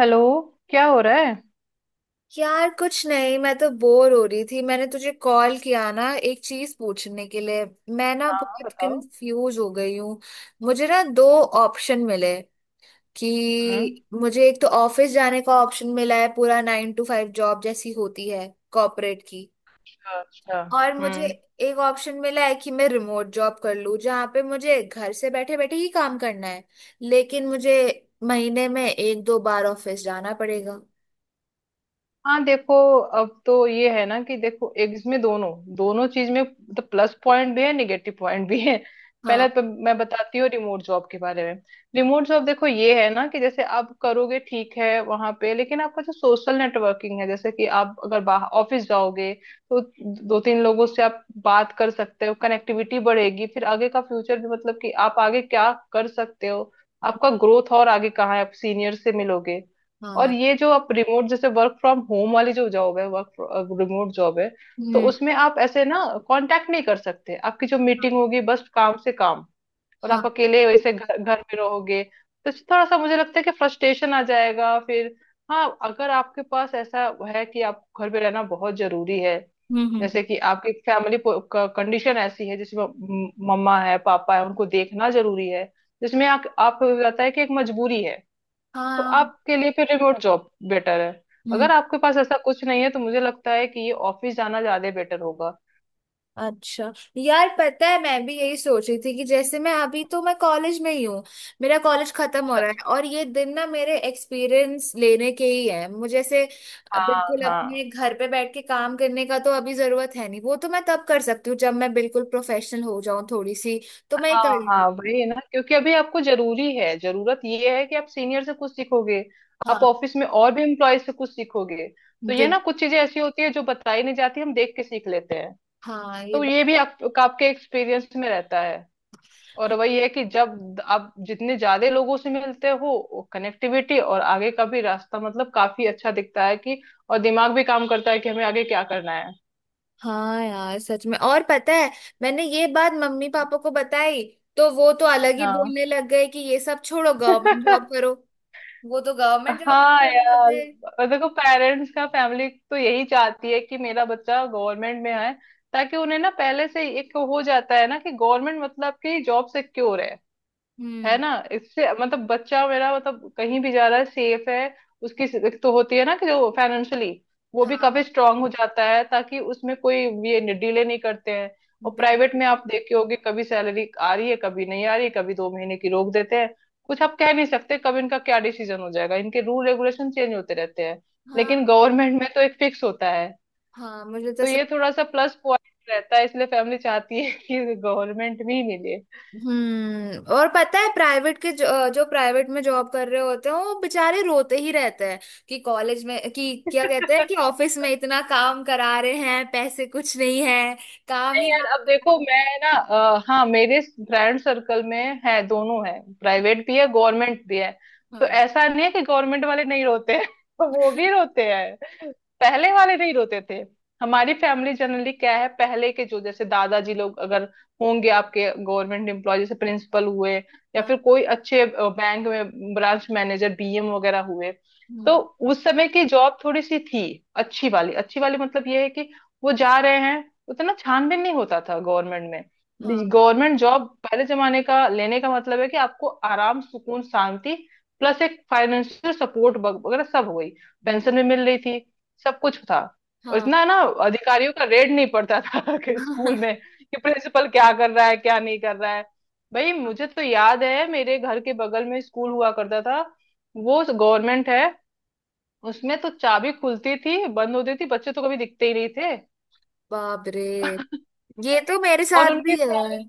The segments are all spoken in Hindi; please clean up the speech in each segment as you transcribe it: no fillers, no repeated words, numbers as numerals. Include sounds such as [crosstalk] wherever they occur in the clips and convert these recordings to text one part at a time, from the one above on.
हेलो। क्या हो रहा है? यार कुछ नहीं। मैं तो बोर हो रही थी, मैंने तुझे कॉल किया ना एक चीज पूछने के लिए। मैं ना हाँ हाँ, बहुत बताओ। कंफ्यूज हो गई हूँ। मुझे ना दो ऑप्शन मिले हम्म। कि मुझे एक तो ऑफिस जाने का ऑप्शन मिला है, पूरा 9 to 5 जॉब जैसी होती है कॉर्पोरेट की। अच्छा। और मुझे हम्म। एक ऑप्शन मिला है कि मैं रिमोट जॉब कर लूँ जहाँ पे मुझे घर से बैठे बैठे ही काम करना है लेकिन मुझे महीने में 1-2 बार ऑफिस जाना पड़ेगा। हाँ देखो, अब तो ये है ना कि देखो एग्स में दोनों दोनों चीज में तो प्लस पॉइंट भी है, निगेटिव पॉइंट भी है। हाँ। पहले तो मैं बताती हूँ रिमोट जॉब के बारे में। रिमोट जॉब देखो, ये है ना कि जैसे आप करोगे, ठीक है वहां पे, लेकिन आपका जो सोशल नेटवर्किंग है, जैसे कि आप अगर बाहर ऑफिस जाओगे तो 2-3 लोगों से आप बात कर सकते हो, कनेक्टिविटी बढ़ेगी, फिर आगे का फ्यूचर भी, मतलब कि आप आगे क्या कर सकते हो, आपका ग्रोथ और आगे कहाँ है, आप सीनियर से मिलोगे। और हाँ। ये जो आप रिमोट, जैसे वर्क फ्रॉम होम वाली जो जॉब है, वर्क रिमोट जॉब है, तो हम्म। उसमें आप ऐसे ना कांटेक्ट नहीं कर सकते, आपकी जो मीटिंग होगी बस काम से काम। और आप हाँ। अकेले वैसे घर घर में रहोगे तो थोड़ा सा मुझे लगता है कि फ्रस्ट्रेशन आ जाएगा फिर। हाँ अगर आपके पास ऐसा है कि आप घर पे रहना बहुत जरूरी है, हम्म। हम्म। जैसे कि आपकी फैमिली कंडीशन ऐसी है जिसमें मम्मा है, पापा है, उनको देखना जरूरी है, जिसमें आप रहता है कि एक मजबूरी है, तो हाँ। आपके लिए फिर रिमोट जॉब बेटर है। हम्म। अगर आपके पास ऐसा कुछ नहीं है तो मुझे लगता है कि ये ऑफिस जाना ज्यादा बेटर होगा। अच्छा। यार पता है, मैं भी यही सोच रही थी कि जैसे मैं अभी तो मैं कॉलेज में ही हूँ, मेरा कॉलेज खत्म हो अच्छा रहा है अच्छा। और ये दिन ना मेरे एक्सपीरियंस लेने के ही है। मुझे ऐसे हाँ बिल्कुल हाँ। अपने घर पे बैठ के काम करने का तो अभी जरूरत है नहीं। वो तो मैं तब कर सकती हूँ जब मैं बिल्कुल प्रोफेशनल हो जाऊं थोड़ी सी। तो मैं ये कर हाँ लूँ। हाँ, वही है ना, क्योंकि अभी आपको जरूरी है, जरूरत ये है कि आप सीनियर से कुछ सीखोगे, आप हाँ। ऑफिस में और भी एम्प्लॉय से कुछ सीखोगे। तो ये बिल्कुल। ना, कुछ चीजें ऐसी होती है जो बताई नहीं जाती, हम देख के सीख लेते हैं। हाँ ये। तो ये भी आपके एक्सपीरियंस में रहता है। और वही है कि जब आप जितने ज्यादा लोगों से मिलते हो, कनेक्टिविटी और आगे का भी रास्ता, मतलब काफी अच्छा दिखता है कि, और दिमाग भी काम करता है कि हमें आगे क्या करना है। हाँ यार सच में। और पता है, मैंने ये बात मम्मी पापा को बताई तो वो तो अलग ही हाँ। बोलने लग गए कि ये सब छोड़ो गवर्नमेंट जॉब [laughs] करो। वो तो गवर्नमेंट जॉब हाँ करने लग यार, गए। और देखो, पेरेंट्स का फैमिली तो यही चाहती है कि मेरा बच्चा गवर्नमेंट में है, ताकि उन्हें ना पहले से ही एक हो जाता है ना कि गवर्नमेंट मतलब कि जॉब सिक्योर है। है हम्म। ना, इससे मतलब बच्चा मेरा, मतलब कहीं भी जा रहा है, सेफ है। उसकी एक तो होती है ना कि जो फाइनेंशियली वो भी हाँ। काफी स्ट्रांग हो जाता है, ताकि उसमें कोई ये डिले नहीं करते हैं। और प्राइवेट बिल्कुल। में आप देखे होगे, कभी सैलरी आ रही है, कभी नहीं आ रही है, कभी 2 महीने की रोक देते हैं। कुछ आप कह नहीं सकते कब इनका क्या डिसीजन हो जाएगा, इनके रूल रेगुलेशन चेंज होते रहते हैं। लेकिन हाँ। गवर्नमेंट में तो एक फिक्स होता है। हाँ, मुझे तो तो ये सब। थोड़ा सा प्लस पॉइंट रहता है, इसलिए फैमिली चाहती है कि गवर्नमेंट भी मिले। हम्म। और पता है, प्राइवेट के जो प्राइवेट में जॉब कर रहे होते हैं वो बेचारे रोते ही रहते हैं कि कॉलेज में कि क्या कहते हैं कि ऑफिस में [laughs] इतना काम करा रहे हैं पैसे कुछ नहीं है। काम ही नहीं यार, काम अब देखो, करा मैं ना हाँ मेरे फ्रेंड सर्कल में है, दोनों है, प्राइवेट भी है गवर्नमेंट भी है। रहे तो हैं। ऐसा नहीं है कि गवर्नमेंट वाले नहीं रोते हैं। [laughs] वो भी रोते हैं। पहले वाले नहीं रोते थे। हमारी फैमिली जनरली क्या है, पहले के जो जैसे दादाजी लोग अगर होंगे आपके, गवर्नमेंट एम्प्लॉय, जैसे प्रिंसिपल हुए या हाँ। फिर [laughs] कोई अच्छे बैंक में ब्रांच मैनेजर बीएम वगैरह हुए, तो हम्म। उस समय की जॉब थोड़ी सी थी अच्छी वाली। अच्छी वाली मतलब ये है कि वो जा रहे हैं, उतना छानबीन नहीं होता था गवर्नमेंट में। हाँ। गवर्नमेंट जॉब पहले जमाने का लेने का मतलब है कि आपको आराम, सुकून, शांति प्लस एक फाइनेंशियल सपोर्ट वगैरह सब हो गई, पेंशन भी मिल रही थी, सब कुछ था। और हाँ। इतना ना अधिकारियों का रेड नहीं पड़ता था, [laughs] कि स्कूल में [laughs] कि प्रिंसिपल क्या कर रहा है क्या नहीं कर रहा है। भाई मुझे तो याद है, मेरे घर के बगल में स्कूल हुआ करता था, वो गवर्नमेंट है, उसमें तो चाबी खुलती थी बंद होती थी, बच्चे तो कभी दिखते ही नहीं थे। बाप रे, ये तो मेरे और साथ उनकी भी है। सैलरी,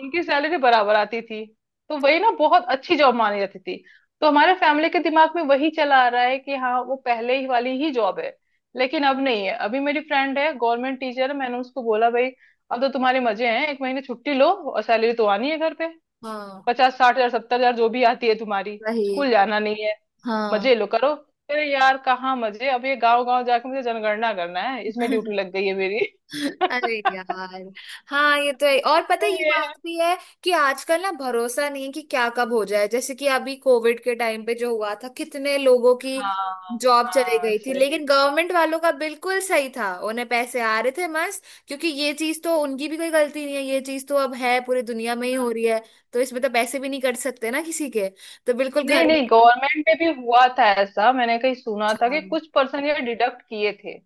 उनकी सैलरी बराबर आती थी। तो वही ना बहुत अच्छी जॉब मानी जाती थी। तो हमारे फैमिली के दिमाग में वही चला आ रहा है कि हाँ वो पहले ही वाली ही जॉब है। लेकिन अब नहीं है। अभी मेरी फ्रेंड है गवर्नमेंट टीचर है, मैंने उसको बोला भाई अब तो तुम्हारे मजे हैं, एक महीने छुट्टी लो और सैलरी तो आनी है घर पे, हाँ 50-60 हजार 70 हजार जो भी आती है तुम्हारी, स्कूल वही। जाना नहीं है, हाँ। मजे लो करो। अरे यार कहाँ मजे, अब ये गाँव गाँव जाके मुझे जनगणना करना है, इसमें ड्यूटी [laughs] लग गई है मेरी। अरे [laughs] यार। हाँ ये तो है। और पता है, ये ये है। बात भी है कि आजकल ना भरोसा नहीं है कि क्या कब हो जाए। जैसे कि अभी कोविड के टाइम पे जो हुआ था कितने लोगों की हाँ जॉब चली हाँ गई थी, लेकिन सही। गवर्नमेंट वालों का बिल्कुल सही था, उन्हें पैसे आ रहे थे मस्त। क्योंकि ये चीज तो उनकी भी कोई गलती नहीं है, ये चीज तो अब है पूरी दुनिया में ही हो रही है। तो इसमें तो पैसे भी नहीं कट सकते ना किसी के। तो बिल्कुल नहीं घर नहीं, में। गवर्नमेंट में भी हुआ था ऐसा, मैंने कहीं सुना था अच्छा। कि कुछ पर्सन ये डिडक्ट किए थे,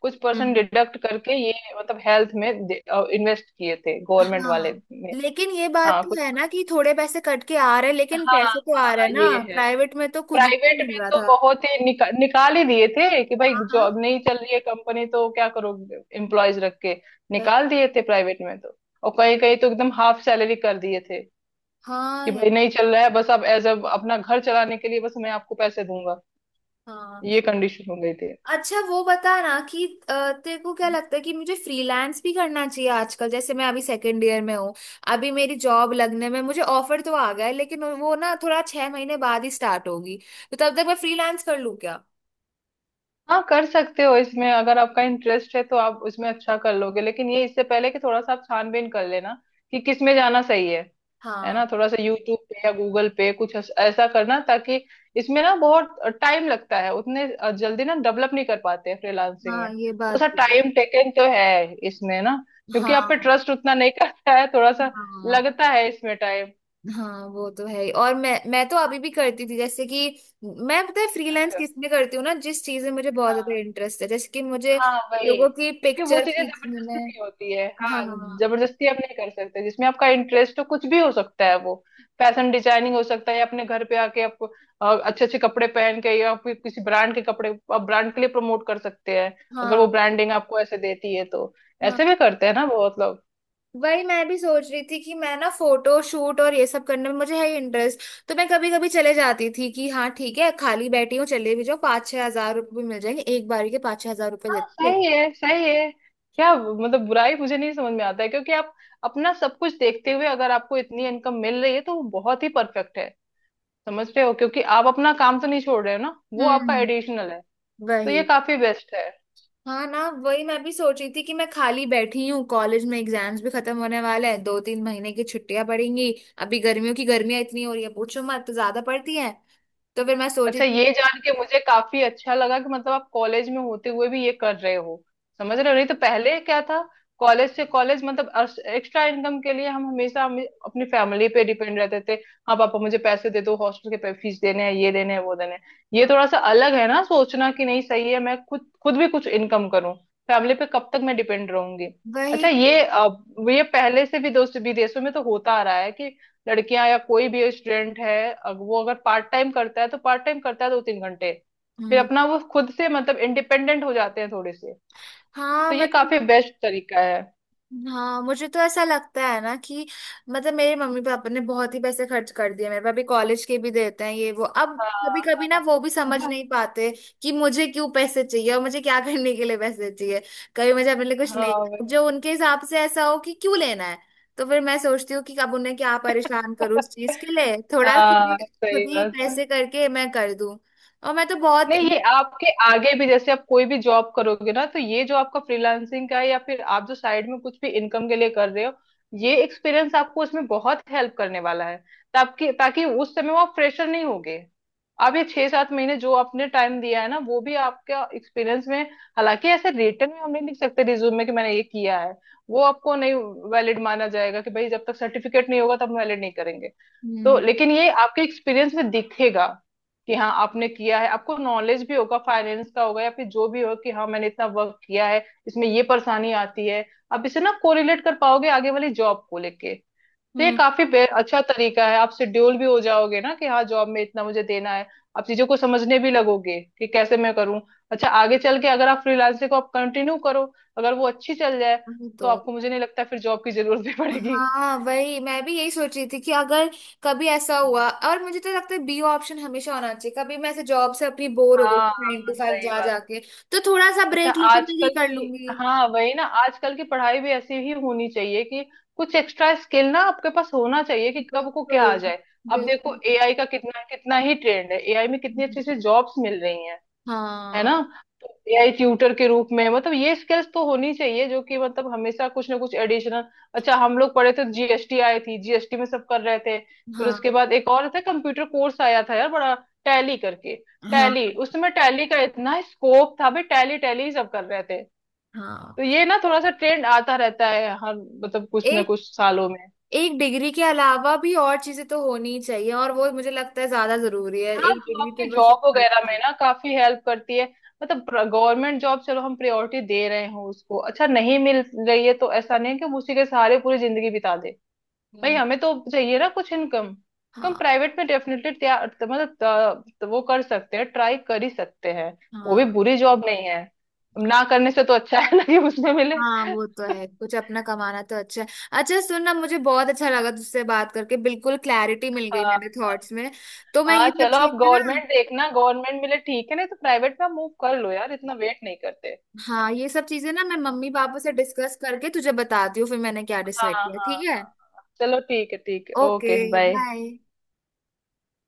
कुछ पर्सन हम्म। डिडक्ट करके ये मतलब हेल्थ में इन्वेस्ट किए थे गवर्नमेंट वाले हाँ, में। लेकिन ये बात हाँ कुछ तो है ना पर्सन। कि थोड़े पैसे कट के आ रहे हैं लेकिन हाँ पैसे तो आ रहे हाँ हैं ना। ये है। प्राइवेट में तो कुछ भी प्राइवेट नहीं में मिल रहा तो था। बहुत ही निकाल ही दिए थे, कि भाई हाँ। हाँ। जॉब नहीं चल रही है कंपनी, तो क्या करोगे एम्प्लॉयज रख के, भाई। निकाल दिए थे प्राइवेट में तो। और कहीं कहीं तो एकदम हाफ सैलरी कर दिए थे, हाँ कि यार। भाई नहीं चल रहा है, बस आप एज अ अपना घर चलाने के लिए बस मैं आपको पैसे दूंगा, हाँ। ये कंडीशन हो गई थी। अच्छा वो बता ना कि तेरे को क्या लगता है कि मुझे फ्रीलांस भी करना चाहिए आजकल? जैसे मैं अभी सेकंड ईयर में हूँ, अभी मेरी जॉब लगने में मुझे ऑफर तो आ गया है लेकिन वो ना थोड़ा 6 महीने बाद ही स्टार्ट होगी। तो तब तक मैं फ्रीलांस कर लूँ क्या? हाँ कर सकते हो, इसमें अगर आपका इंटरेस्ट है तो आप उसमें अच्छा कर लोगे, लेकिन ये इससे पहले कि थोड़ा सा आप छानबीन कर लेना कि किस में जाना सही है। है ना, हाँ। थोड़ा सा यूट्यूब पे या गूगल पे कुछ ऐसा करना ताकि, इसमें ना बहुत टाइम लगता है, उतने जल्दी ना डेवलप नहीं कर पाते हैं, फ्रीलांसिंग हाँ में ये थोड़ा बात सा भी है। टाइम टेकन तो है इसमें ना, क्योंकि आप पे हाँ। ट्रस्ट उतना नहीं [laughs] करता है, थोड़ा सा हाँ। लगता है इसमें टाइम। हाँ वो तो है ही। और मैं तो अभी भी करती थी, जैसे कि मैं पता है फ्रीलांस किस में करती हूँ ना, जिस चीज में मुझे बहुत ज्यादा हाँ इंटरेस्ट है, जैसे कि मुझे हाँ वही, लोगों की क्योंकि वो पिक्चर चीजें खींचने जबरदस्ती में। नहीं होती है। हाँ। हाँ, जबरदस्ती आप नहीं कर सकते, जिसमें आपका इंटरेस्ट हो कुछ भी हो सकता है वो, फैशन डिजाइनिंग हो सकता है, या अपने घर पे आके आप अच्छे अच्छे कपड़े पहन के, या फिर किसी ब्रांड के कपड़े आप ब्रांड के लिए प्रमोट कर सकते हैं, अगर वो हाँ। ब्रांडिंग आपको ऐसे देती है तो। हाँ ऐसे भी करते हैं ना बहुत लोग। वही मैं भी सोच रही थी कि मैं ना फोटो शूट और ये सब करने में मुझे है इंटरेस्ट। तो मैं कभी कभी चले जाती थी कि हाँ ठीक है खाली बैठी हूँ चले भी जाओ, 5-6 हज़ार रुपये भी मिल जाएंगे। एक बार के 5-6 हज़ार रुपये देते थे। सही है सही है, क्या मतलब बुराई मुझे नहीं समझ में आता है, क्योंकि आप अपना सब कुछ देखते हुए अगर आपको इतनी इनकम मिल रही है तो वो बहुत ही परफेक्ट है, समझ रहे हो, क्योंकि आप अपना काम तो नहीं छोड़ रहे हो ना, वो आपका हम्म। एडिशनल है, तो वही। ये काफी बेस्ट है। हाँ ना, वही मैं भी सोच रही थी कि मैं खाली बैठी हूँ कॉलेज में, एग्जाम्स भी खत्म होने वाले हैं, 2-3 महीने की छुट्टियां पड़ेंगी। अभी गर्मियों की, गर्मियां इतनी हो रही है पूछो मत, तो ज्यादा पड़ती है। तो फिर मैं सोच रही अच्छा थी। ये जान के मुझे काफी अच्छा लगा कि मतलब आप कॉलेज में होते हुए भी ये कर रहे हो, समझ रहे हो, नहीं तो पहले क्या था, कॉलेज से कॉलेज मतलब एक्स्ट्रा इनकम के लिए हम हमेशा हम अपनी फैमिली पे डिपेंड रहते थे। हाँ पापा मुझे पैसे दे दो, हॉस्टल के फीस देने हैं, ये देने हैं, वो देने हैं। ये हाँ थोड़ा सा अलग है ना सोचना कि नहीं सही है, मैं खुद खुद भी कुछ इनकम करूँ, फैमिली पे कब तक मैं डिपेंड रहूंगी। वही अच्छा तो। ये ये पहले से भी दोस्त विदेशों में तो होता आ रहा है कि लड़कियां या कोई भी स्टूडेंट है अगर वो, अगर पार्ट टाइम करता है तो पार्ट टाइम करता है 2-3 घंटे, फिर हम्म। अपना वो खुद से मतलब इंडिपेंडेंट हो जाते हैं थोड़े से, हाँ तो ये मतलब। काफी बेस्ट तरीका है। हाँ मुझे तो ऐसा लगता है ना कि मतलब मेरे मम्मी पापा ने बहुत ही पैसे खर्च कर दिए, मेरे पापा कॉलेज के भी देते हैं ये वो। अब हाँ कभी कभी हाँ। ना वो भी समझ हाँ नहीं पाते कि मुझे क्यों पैसे चाहिए और मुझे क्या [laughs] करने के लिए पैसे चाहिए। कभी मुझे अपने लिए कुछ हाँ, लेना वही। जो उनके हिसाब से ऐसा हो कि क्यों लेना है। तो फिर मैं सोचती हूँ कि अब उन्हें क्या परेशान करूँ उस चीज के लिए, [laughs] थोड़ा हाँ, सही खुद ही बात। पैसे करके मैं कर दूं। और मैं तो बहुत। नहीं ये आपके आगे भी, जैसे आप कोई भी जॉब करोगे ना, तो ये जो आपका फ्रीलांसिंग का है या फिर आप जो साइड में कुछ भी इनकम के लिए कर रहे हो, ये एक्सपीरियंस आपको उसमें बहुत हेल्प करने वाला है, ताकि ताकि उस समय वो आप फ्रेशर नहीं होगे। आप ये 6-7 महीने जो आपने टाइम दिया है ना, वो भी आपका एक्सपीरियंस में, हालांकि ऐसे रिटर्न में हम नहीं लिख सकते रिज्यूम में कि मैंने ये किया है, वो आपको नहीं वैलिड माना जाएगा, कि भाई जब तक सर्टिफिकेट नहीं होगा तब वैलिड नहीं, तो हम्म। लेकिन ये आपके एक्सपीरियंस में दिखेगा कि हाँ आपने किया है, आपको नॉलेज भी होगा, फाइनेंस का होगा या फिर जो भी हो, कि हाँ मैंने इतना वर्क किया है। इसमें ये परेशानी आती है, आप इसे ना कोरिलेट कर पाओगे आगे वाली जॉब को लेके। तो ये हम्म। काफी बे- अच्छा तरीका है, आप शेड्यूल भी हो जाओगे ना, कि हाँ जॉब में इतना मुझे देना है, आप चीजों को समझने भी लगोगे कि कैसे मैं करूँ। अच्छा आगे चल के अगर आप फ्रीलांसिंग को आप कंटिन्यू करो, अगर वो अच्छी चल जाए, वही तो तो। आपको मुझे नहीं लगता फिर जॉब की जरूरत भी [laughs] पड़ेगी। हाँ वही मैं भी यही सोच रही थी कि अगर कभी ऐसा हुआ, और मुझे तो लगता है बी ऑप्शन हमेशा होना चाहिए, कभी मैं ऐसे जॉब से अपनी बोर हो गई हाँ नाइन टू हाँ फाइव सही जा बात। जाके, तो थोड़ा सा अच्छा ब्रेक लेके मैं ये आजकल कर की, लूंगी। हाँ वही ना आजकल की पढ़ाई भी ऐसी ही होनी चाहिए कि कुछ एक्स्ट्रा स्किल ना आपके पास होना चाहिए कि कब को क्या बिल्कुल। आ जाए। अब देखो बिल्कुल। एआई का कितना कितना ही ट्रेंड है, एआई में कितनी अच्छी अच्छी जॉब्स मिल रही हैं, है हाँ। ना। तो एआई ट्यूटर के रूप में, मतलब ये स्किल्स तो होनी चाहिए जो कि मतलब हमेशा कुछ ना कुछ एडिशनल। अच्छा हम लोग पढ़े थे जीएसटी आई थी, जीएसटी में सब कर रहे थे, फिर हाँ। उसके बाद एक और था कंप्यूटर कोर्स आया था यार बड़ा, टैली करके, हाँ। टैली, उसमें टैली का इतना स्कोप था भाई, टैली टैली सब कर रहे थे। हाँ। तो ये ना थोड़ा सा ट्रेंड आता रहता है हर, मतलब कुछ ना एक कुछ सालों में। एक डिग्री के अलावा भी और चीजें तो होनी ही चाहिए और वो मुझे लगता है ज्यादा जरूरी है। हाँ एक जो डिग्री आपके तो बस जॉब वगैरह पड़ता है। में ना काफी हेल्प करती है, मतलब गवर्नमेंट जॉब चलो हम प्रायोरिटी दे रहे हो उसको, अच्छा नहीं मिल रही है तो ऐसा नहीं है कि हम उसी के सहारे पूरी जिंदगी बिता दे। भाई हम्म। हमें तो चाहिए ना कुछ इनकम, तो हम हाँ। प्राइवेट में डेफिनेटली तैयार, मतलब वो कर सकते हैं, ट्राई कर ही सकते हैं। वो भी हाँ। बुरी जॉब नहीं है, ना करने से तो अच्छा है ना कि उसमें मिले। हाँ वो तो है, कुछ [laughs] अपना कमाना तो अच्छा है। अच्छा सुन ना, मुझे बहुत अच्छा लगा तुझसे बात करके, बिल्कुल क्लैरिटी मिल गई हाँ मेरे थॉट्स में। तो मैं हाँ, ये सब चलो आप चीजें ना। गवर्नमेंट देखना, गवर्नमेंट मिले ठीक है, नहीं तो प्राइवेट में आप मूव कर लो यार, इतना वेट नहीं करते। हाँ, ये सब चीजें ना मैं मम्मी पापा से डिस्कस करके तुझे बताती हूँ फिर मैंने क्या हाँ डिसाइड हाँ। किया, हाँ ठीक है? हाँ। चलो ठीक है, ठीक है, ओके, ओके बाय। बाय।